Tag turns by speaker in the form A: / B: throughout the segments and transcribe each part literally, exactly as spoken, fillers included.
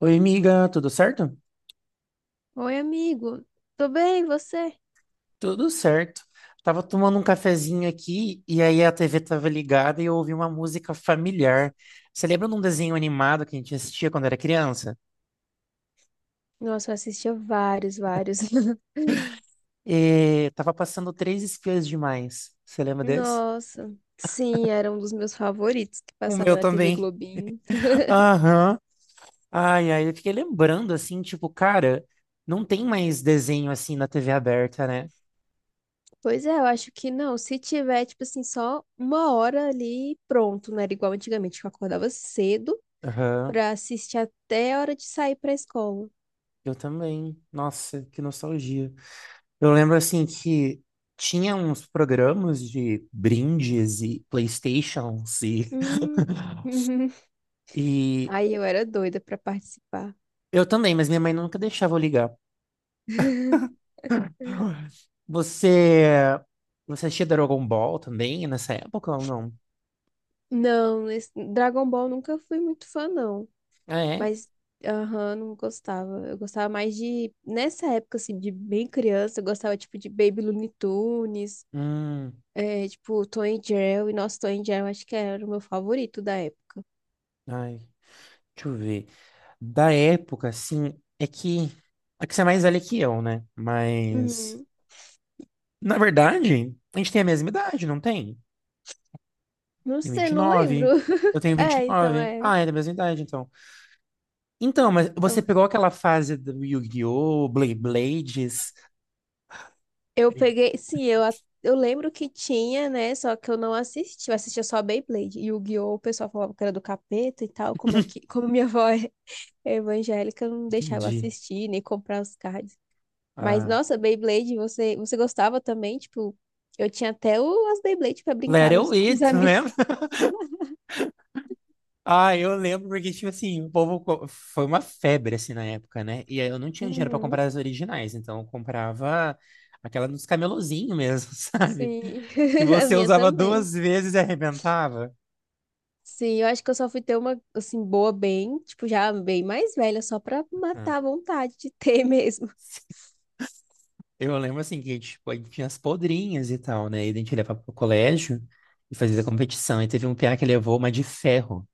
A: Oi, amiga, tudo certo?
B: Oi, amigo. Tô bem, e você?
A: Tudo certo. Tava tomando um cafezinho aqui e aí a T V tava ligada e eu ouvi uma música familiar. Você lembra de um desenho animado que a gente assistia quando era criança?
B: Nossa, eu assistia vários, vários.
A: E tava passando Três Espiãs Demais. Você lembra desse?
B: Nossa. Sim, era um dos meus favoritos que
A: O
B: passava
A: meu
B: na T V
A: também.
B: Globinho.
A: Aham. Ai, ai, eu fiquei lembrando assim, tipo, cara, não tem mais desenho assim na T V aberta, né?
B: Pois é, eu acho que não. Se tiver, tipo assim, só uma hora ali, pronto. Não era igual antigamente, que eu acordava cedo
A: Aham.
B: pra assistir até a hora de sair pra escola.
A: Eu também. Nossa, que nostalgia. Eu lembro assim que tinha uns programas de brindes e PlayStations e,
B: Hum.
A: e
B: Aí eu era doida pra participar.
A: eu também, mas minha mãe nunca deixava eu ligar. Você você assistia Dragon Ball também nessa época ou não?
B: Não, esse- Dragon Ball nunca fui muito fã, não.
A: Ah, é?
B: Mas, aham, não gostava. Eu gostava mais de. Nessa época, assim, de bem criança, eu gostava, tipo, de Baby Looney Tunes,
A: Hum,
B: é, tipo, Tom e Jerry. Nossa, Tom e Jerry, eu acho que era o meu favorito da época.
A: ai, deixa eu ver. Da época, assim, é que é que você é mais velha que eu, né? Mas
B: Uhum.
A: na verdade, a gente tem a mesma idade, não tem?
B: Não
A: Tem
B: sei,
A: vinte e
B: não lembro.
A: nove. Eu tenho vinte e
B: É, então
A: nove.
B: é.
A: Ah, é da mesma idade, então. Então, mas você
B: Então,
A: pegou aquela fase do Yu-Gi-Oh! Blade Blades?
B: eu peguei. Sim, eu, a- eu lembro que tinha, né? Só que eu não assisti. Eu assistia só Beyblade. E o Yu-Gi-Oh! O pessoal falava que era do capeta e tal. Como é que. Como minha avó é evangélica, eu não deixava
A: Entendi.
B: assistir, nem comprar os cards. Mas,
A: Ah.
B: nossa, Beyblade, você, você gostava também? Tipo, eu tinha até o, as Beyblade pra
A: Let
B: brincar nos,
A: It
B: com os
A: It, lembra?
B: amigos.
A: Ah, eu lembro porque, tipo assim, o povo co- foi uma febre, assim, na época, né? E aí eu não tinha dinheiro pra
B: Uhum.
A: comprar as originais, então eu comprava aquela dos camelozinhos mesmo, sabe?
B: Sim,
A: Que
B: a
A: você
B: minha
A: usava
B: também.
A: duas vezes e arrebentava.
B: Sim, eu acho que eu só fui ter uma, assim, boa bem, tipo, já bem mais velha, só pra
A: Ah.
B: matar a vontade de ter mesmo.
A: Eu lembro assim que tipo, a gente tinha as podrinhas e tal, né? E a gente levava pro colégio e fazia competição. E teve um piá que levou uma de ferro,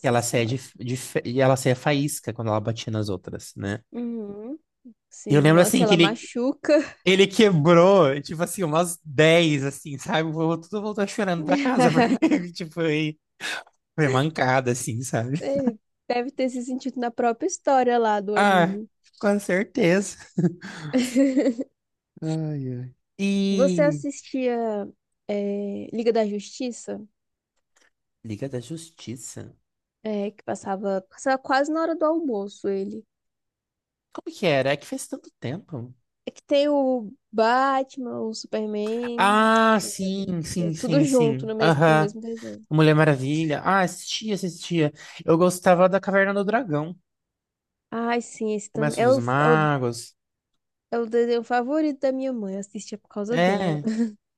A: que ela saia de,
B: senhora.
A: de e ela saia faísca quando ela batia nas outras, né?
B: Uhum.
A: E eu
B: Sim,
A: lembro
B: nossa,
A: assim que
B: ela
A: ele
B: machuca.
A: ele quebrou, tipo assim, umas dez assim, sabe? Eu, tudo voltou chorando pra casa, porque, tipo, foi, foi mancada, assim, sabe?
B: É, Deve ter se sentido na própria história lá do
A: Ah,
B: anime.
A: com certeza. Ai, ai.
B: Você
A: E
B: assistia, eh, Liga da Justiça?
A: Liga da Justiça.
B: É, que passava, passava quase na hora do almoço ele.
A: Como que era? É que faz tanto tempo.
B: É que tem o Batman, o Superman,
A: Ah, sim,
B: Maravilha,
A: sim,
B: tudo
A: sim,
B: junto
A: sim.
B: no mesmo, no
A: Aham.
B: mesmo desenho.
A: Mulher Maravilha. Ah, assistia, assistia. Eu gostava da Caverna do Dragão.
B: Ai, sim, esse também.
A: Comércio
B: É o,
A: dos
B: é o,
A: Magos.
B: é o desenho favorito da minha mãe, eu assistia por causa dela.
A: É.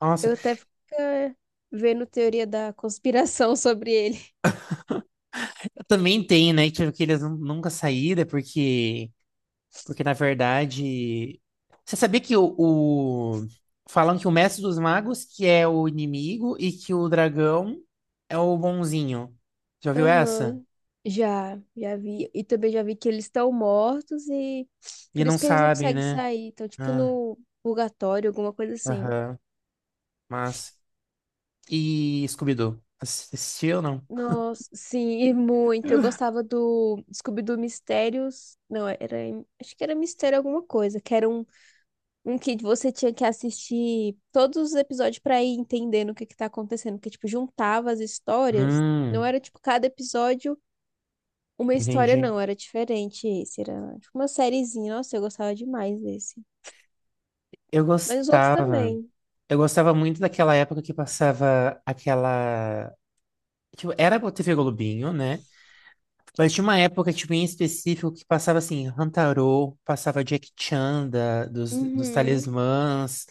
A: Nossa,
B: Eu até fico eh, vendo teoria da conspiração sobre ele.
A: também tem, né? Tipo, que eles nun- nunca saíram, porque, porque, na verdade. Você sabia que o, o- falam que o Mestre dos Magos que é o inimigo e que o dragão é o bonzinho. Já viu essa?
B: Aham. Já, já vi. E também já vi que eles estão mortos e
A: E
B: por
A: não
B: isso que eles não
A: sabe,
B: conseguem
A: né?
B: sair. Estão tipo
A: Ah,
B: no purgatório, alguma coisa assim.
A: aham. Mas. E Scooby-Doo? Ass- Assistiu ou não?
B: Nossa, sim, e muito. Eu gostava do Scooby-Doo Mistérios. Não, era. Acho que era Mistério alguma coisa. Que era um, um que você tinha que assistir todos os episódios pra ir entendendo o que que tá acontecendo. Porque, tipo, juntava as histórias. Não
A: Hum,
B: era, tipo, cada episódio uma história,
A: entendi.
B: não. Era diferente esse. Era, tipo, uma sériezinha. Nossa, eu gostava demais desse.
A: Eu
B: Mas os outros
A: gostava.
B: também.
A: Eu gostava muito daquela época que passava aquela. Tipo, era a T V Globinho, né? Mas tinha uma época, tipo, em específico que passava, assim, Hantaro, passava Jack Chan da- dos, dos
B: Uhum,
A: Talismãs,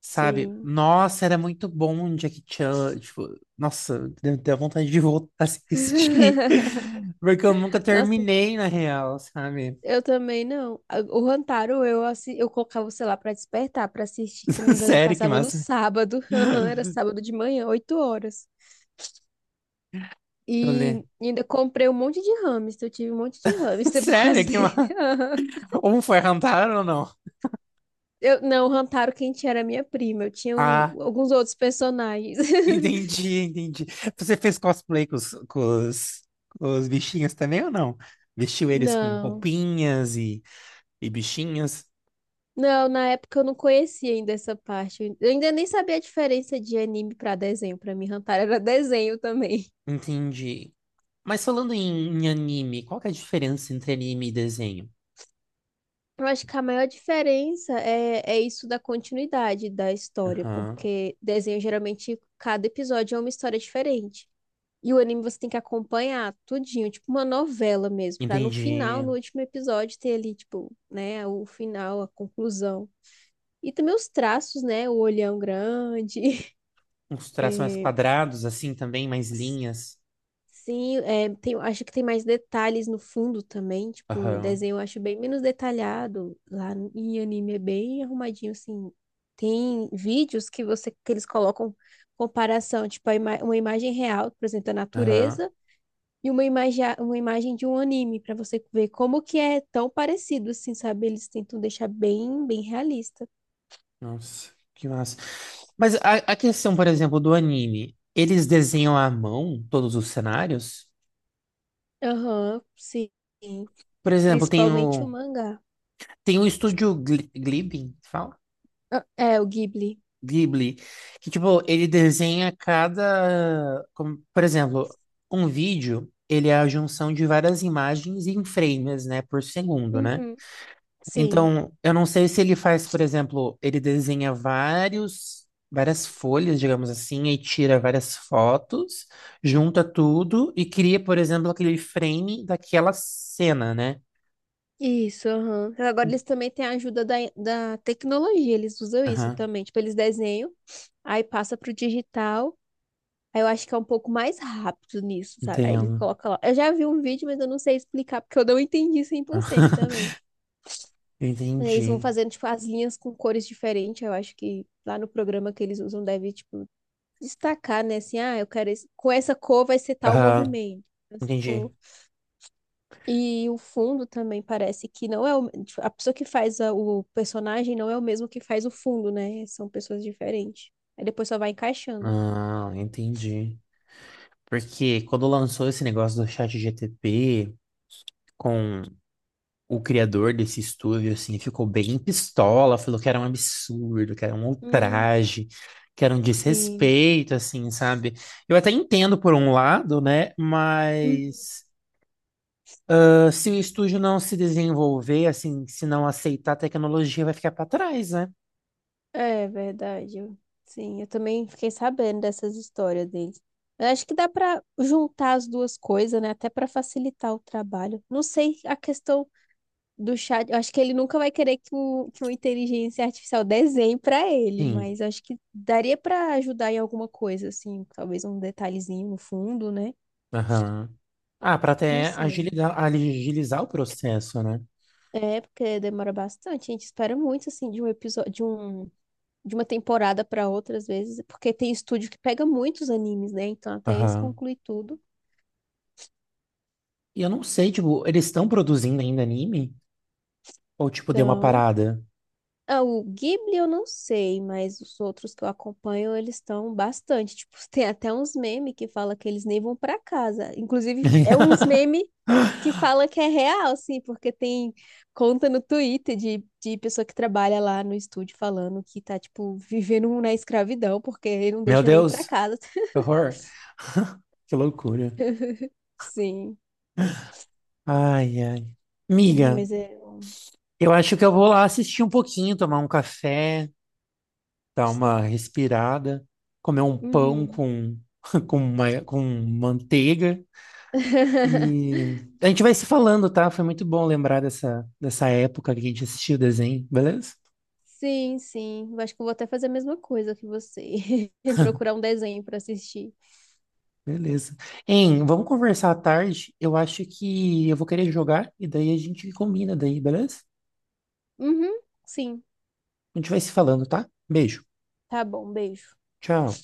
A: sabe?
B: sim.
A: Nossa, era muito bom um Jack Chan. Tipo, nossa, deu deu vontade de voltar a assistir. Porque eu nunca
B: Nossa,
A: terminei, na real, sabe?
B: Eu também não. A- O Rantaro, eu, assi- eu colocava, sei lá, pra despertar, pra assistir, que se eu não me engano, ele
A: Sério, que
B: passava no
A: massa.
B: sábado. Aham, Era sábado de manhã, oito horas.
A: Eu
B: E
A: lembro.
B: ainda comprei um monte de hamster. Eu tive um monte de hamster por causa
A: Sério, que
B: dele.
A: massa.
B: Aham.
A: Um foi Hantaro ou não?
B: Eu, não, o Rantaro, quem tinha era minha prima. Eu tinha o-
A: Ah.
B: alguns outros personagens.
A: Entendi, entendi. Você fez cosplay com os, com os, com os bichinhos também ou não? Vestiu eles com
B: Não.
A: roupinhas e, e bichinhos?
B: Não, na época eu não conhecia ainda essa parte. Eu ainda nem sabia a diferença de anime pra desenho. Pra mim, Rantaro era desenho também.
A: Entendi. Mas falando em, em anime, qual que é a diferença entre anime e desenho?
B: Eu acho que a maior diferença é, é isso da continuidade da história,
A: Aham.
B: porque desenho geralmente cada episódio é uma história diferente. E o anime você tem que acompanhar tudinho, tipo uma novela mesmo, pra no final,
A: Entendi.
B: no último episódio, ter ali, tipo, né, o final, a conclusão. E também os traços, né? O olhão grande,
A: Uns traços mais
B: é,
A: quadrados, assim também, mais linhas.
B: Sim, é, tem, acho que tem mais detalhes no fundo também. Tipo, o
A: Aham,
B: desenho eu acho bem menos detalhado. Lá em anime é bem arrumadinho, assim. Tem vídeos que você que eles colocam comparação, tipo, a ima- uma imagem real, por exemplo, da
A: aham.
B: natureza, e uma imagem, uma imagem de um anime, para você ver como que é tão parecido, assim, sabe? Eles tentam deixar bem, bem realista.
A: Nossa, que massa. Mas a, a questão, por exemplo, do anime, eles desenham à mão todos os cenários?
B: Aham, sim.
A: Por exemplo, tem
B: Principalmente o
A: o.
B: mangá.
A: Tem um estúdio Gli- Glibin, fala?
B: Ah, É, o Ghibli.
A: Ghibli, que tipo, ele desenha cada, como, por exemplo, um vídeo, ele é a junção de várias imagens em frames, né, por segundo, né?
B: Uhum. Sim.
A: Então, eu não sei se ele faz, por exemplo, ele desenha vários várias folhas, digamos assim, e tira várias fotos, junta tudo e cria, por exemplo, aquele frame daquela cena, né?
B: Isso, aham. Agora eles também têm a ajuda da, da tecnologia, eles usam isso
A: Aham,
B: também. Tipo, eles desenham, aí passa pro digital. Aí eu acho que é um pouco mais rápido nisso, sabe? Aí eles
A: entendo.
B: colocam lá. Eu já vi um vídeo, mas eu não sei explicar, porque eu não entendi cem por cento também. Eles vão
A: Entendi.
B: fazendo, tipo, as linhas com cores diferentes. Eu acho que lá no programa que eles usam deve, tipo, destacar, né? Assim, ah, eu quero esse com essa cor vai ser tal
A: Aham,
B: movimento. Essa cor
A: entendi.
B: E o fundo também parece que não é o, tipo, a pessoa que faz a- o personagem não é o mesmo que faz o fundo, né? São pessoas diferentes. Aí depois só vai encaixando.
A: Ah, entendi. Porque quando lançou esse negócio do chat G T P com o criador desse estúdio, assim, ficou bem pistola, falou que era um absurdo, que era um
B: Hum,
A: ultraje, que era um
B: sim.
A: desrespeito, assim, sabe? Eu até entendo por um lado, né?
B: Hum.
A: Mas ah, se o estúdio não se desenvolver, assim, se não aceitar a tecnologia, vai ficar para trás, né?
B: É verdade. Eu- Sim, eu também fiquei sabendo dessas histórias deles. Eu acho que dá pra juntar as duas coisas, né? Até pra facilitar o trabalho. Não sei a questão do chat. Eu acho que ele nunca vai querer que, um- que uma inteligência artificial desenhe pra ele,
A: Sim.
B: mas acho que daria pra ajudar em alguma coisa, assim, talvez um detalhezinho no fundo, né?
A: Aham. Ah, para
B: Não
A: até
B: sei.
A: agilizar, agilizar o processo, né?
B: É, porque demora bastante. A gente espera muito, assim, de um episódio, de um, de uma temporada pra outra, às vezes, porque tem estúdio que pega muitos animes, né? Então, até eles
A: Aham.
B: concluem tudo.
A: E eu não sei, tipo, eles estão produzindo ainda anime? Ou, tipo, deu uma
B: Então,
A: parada?
B: Ah, o Ghibli eu não sei, mas os outros que eu acompanho, eles estão bastante. Tipo, tem até uns memes que fala que eles nem vão pra casa. Inclusive, é uns memes que fala que é real, assim, porque tem conta no Twitter de, de pessoa que trabalha lá no estúdio falando que tá, tipo, vivendo na escravidão, porque ele não
A: Meu
B: deixa nem pra
A: Deus,
B: casa.
A: que horror. Que loucura.
B: Sim,
A: Ai, ai.
B: É,
A: Miga,
B: mas é. Um,
A: eu acho que eu vou lá assistir um pouquinho, tomar um café, dar uma respirada, comer um pão
B: Uhum.
A: com, com, ma- com manteiga. E a gente vai se falando, tá? Foi muito bom lembrar dessa, dessa época que a gente assistiu o desenho, beleza?
B: Sim, sim. Eu Acho que eu vou até fazer a mesma coisa que você. Procurar um desenho pra assistir.
A: Beleza. Hein, vamos conversar à tarde. Eu acho que eu vou querer jogar e daí a gente combina daí, beleza?
B: Uhum, sim.
A: A gente vai se falando, tá? Beijo.
B: Tá bom, beijo.
A: Tchau.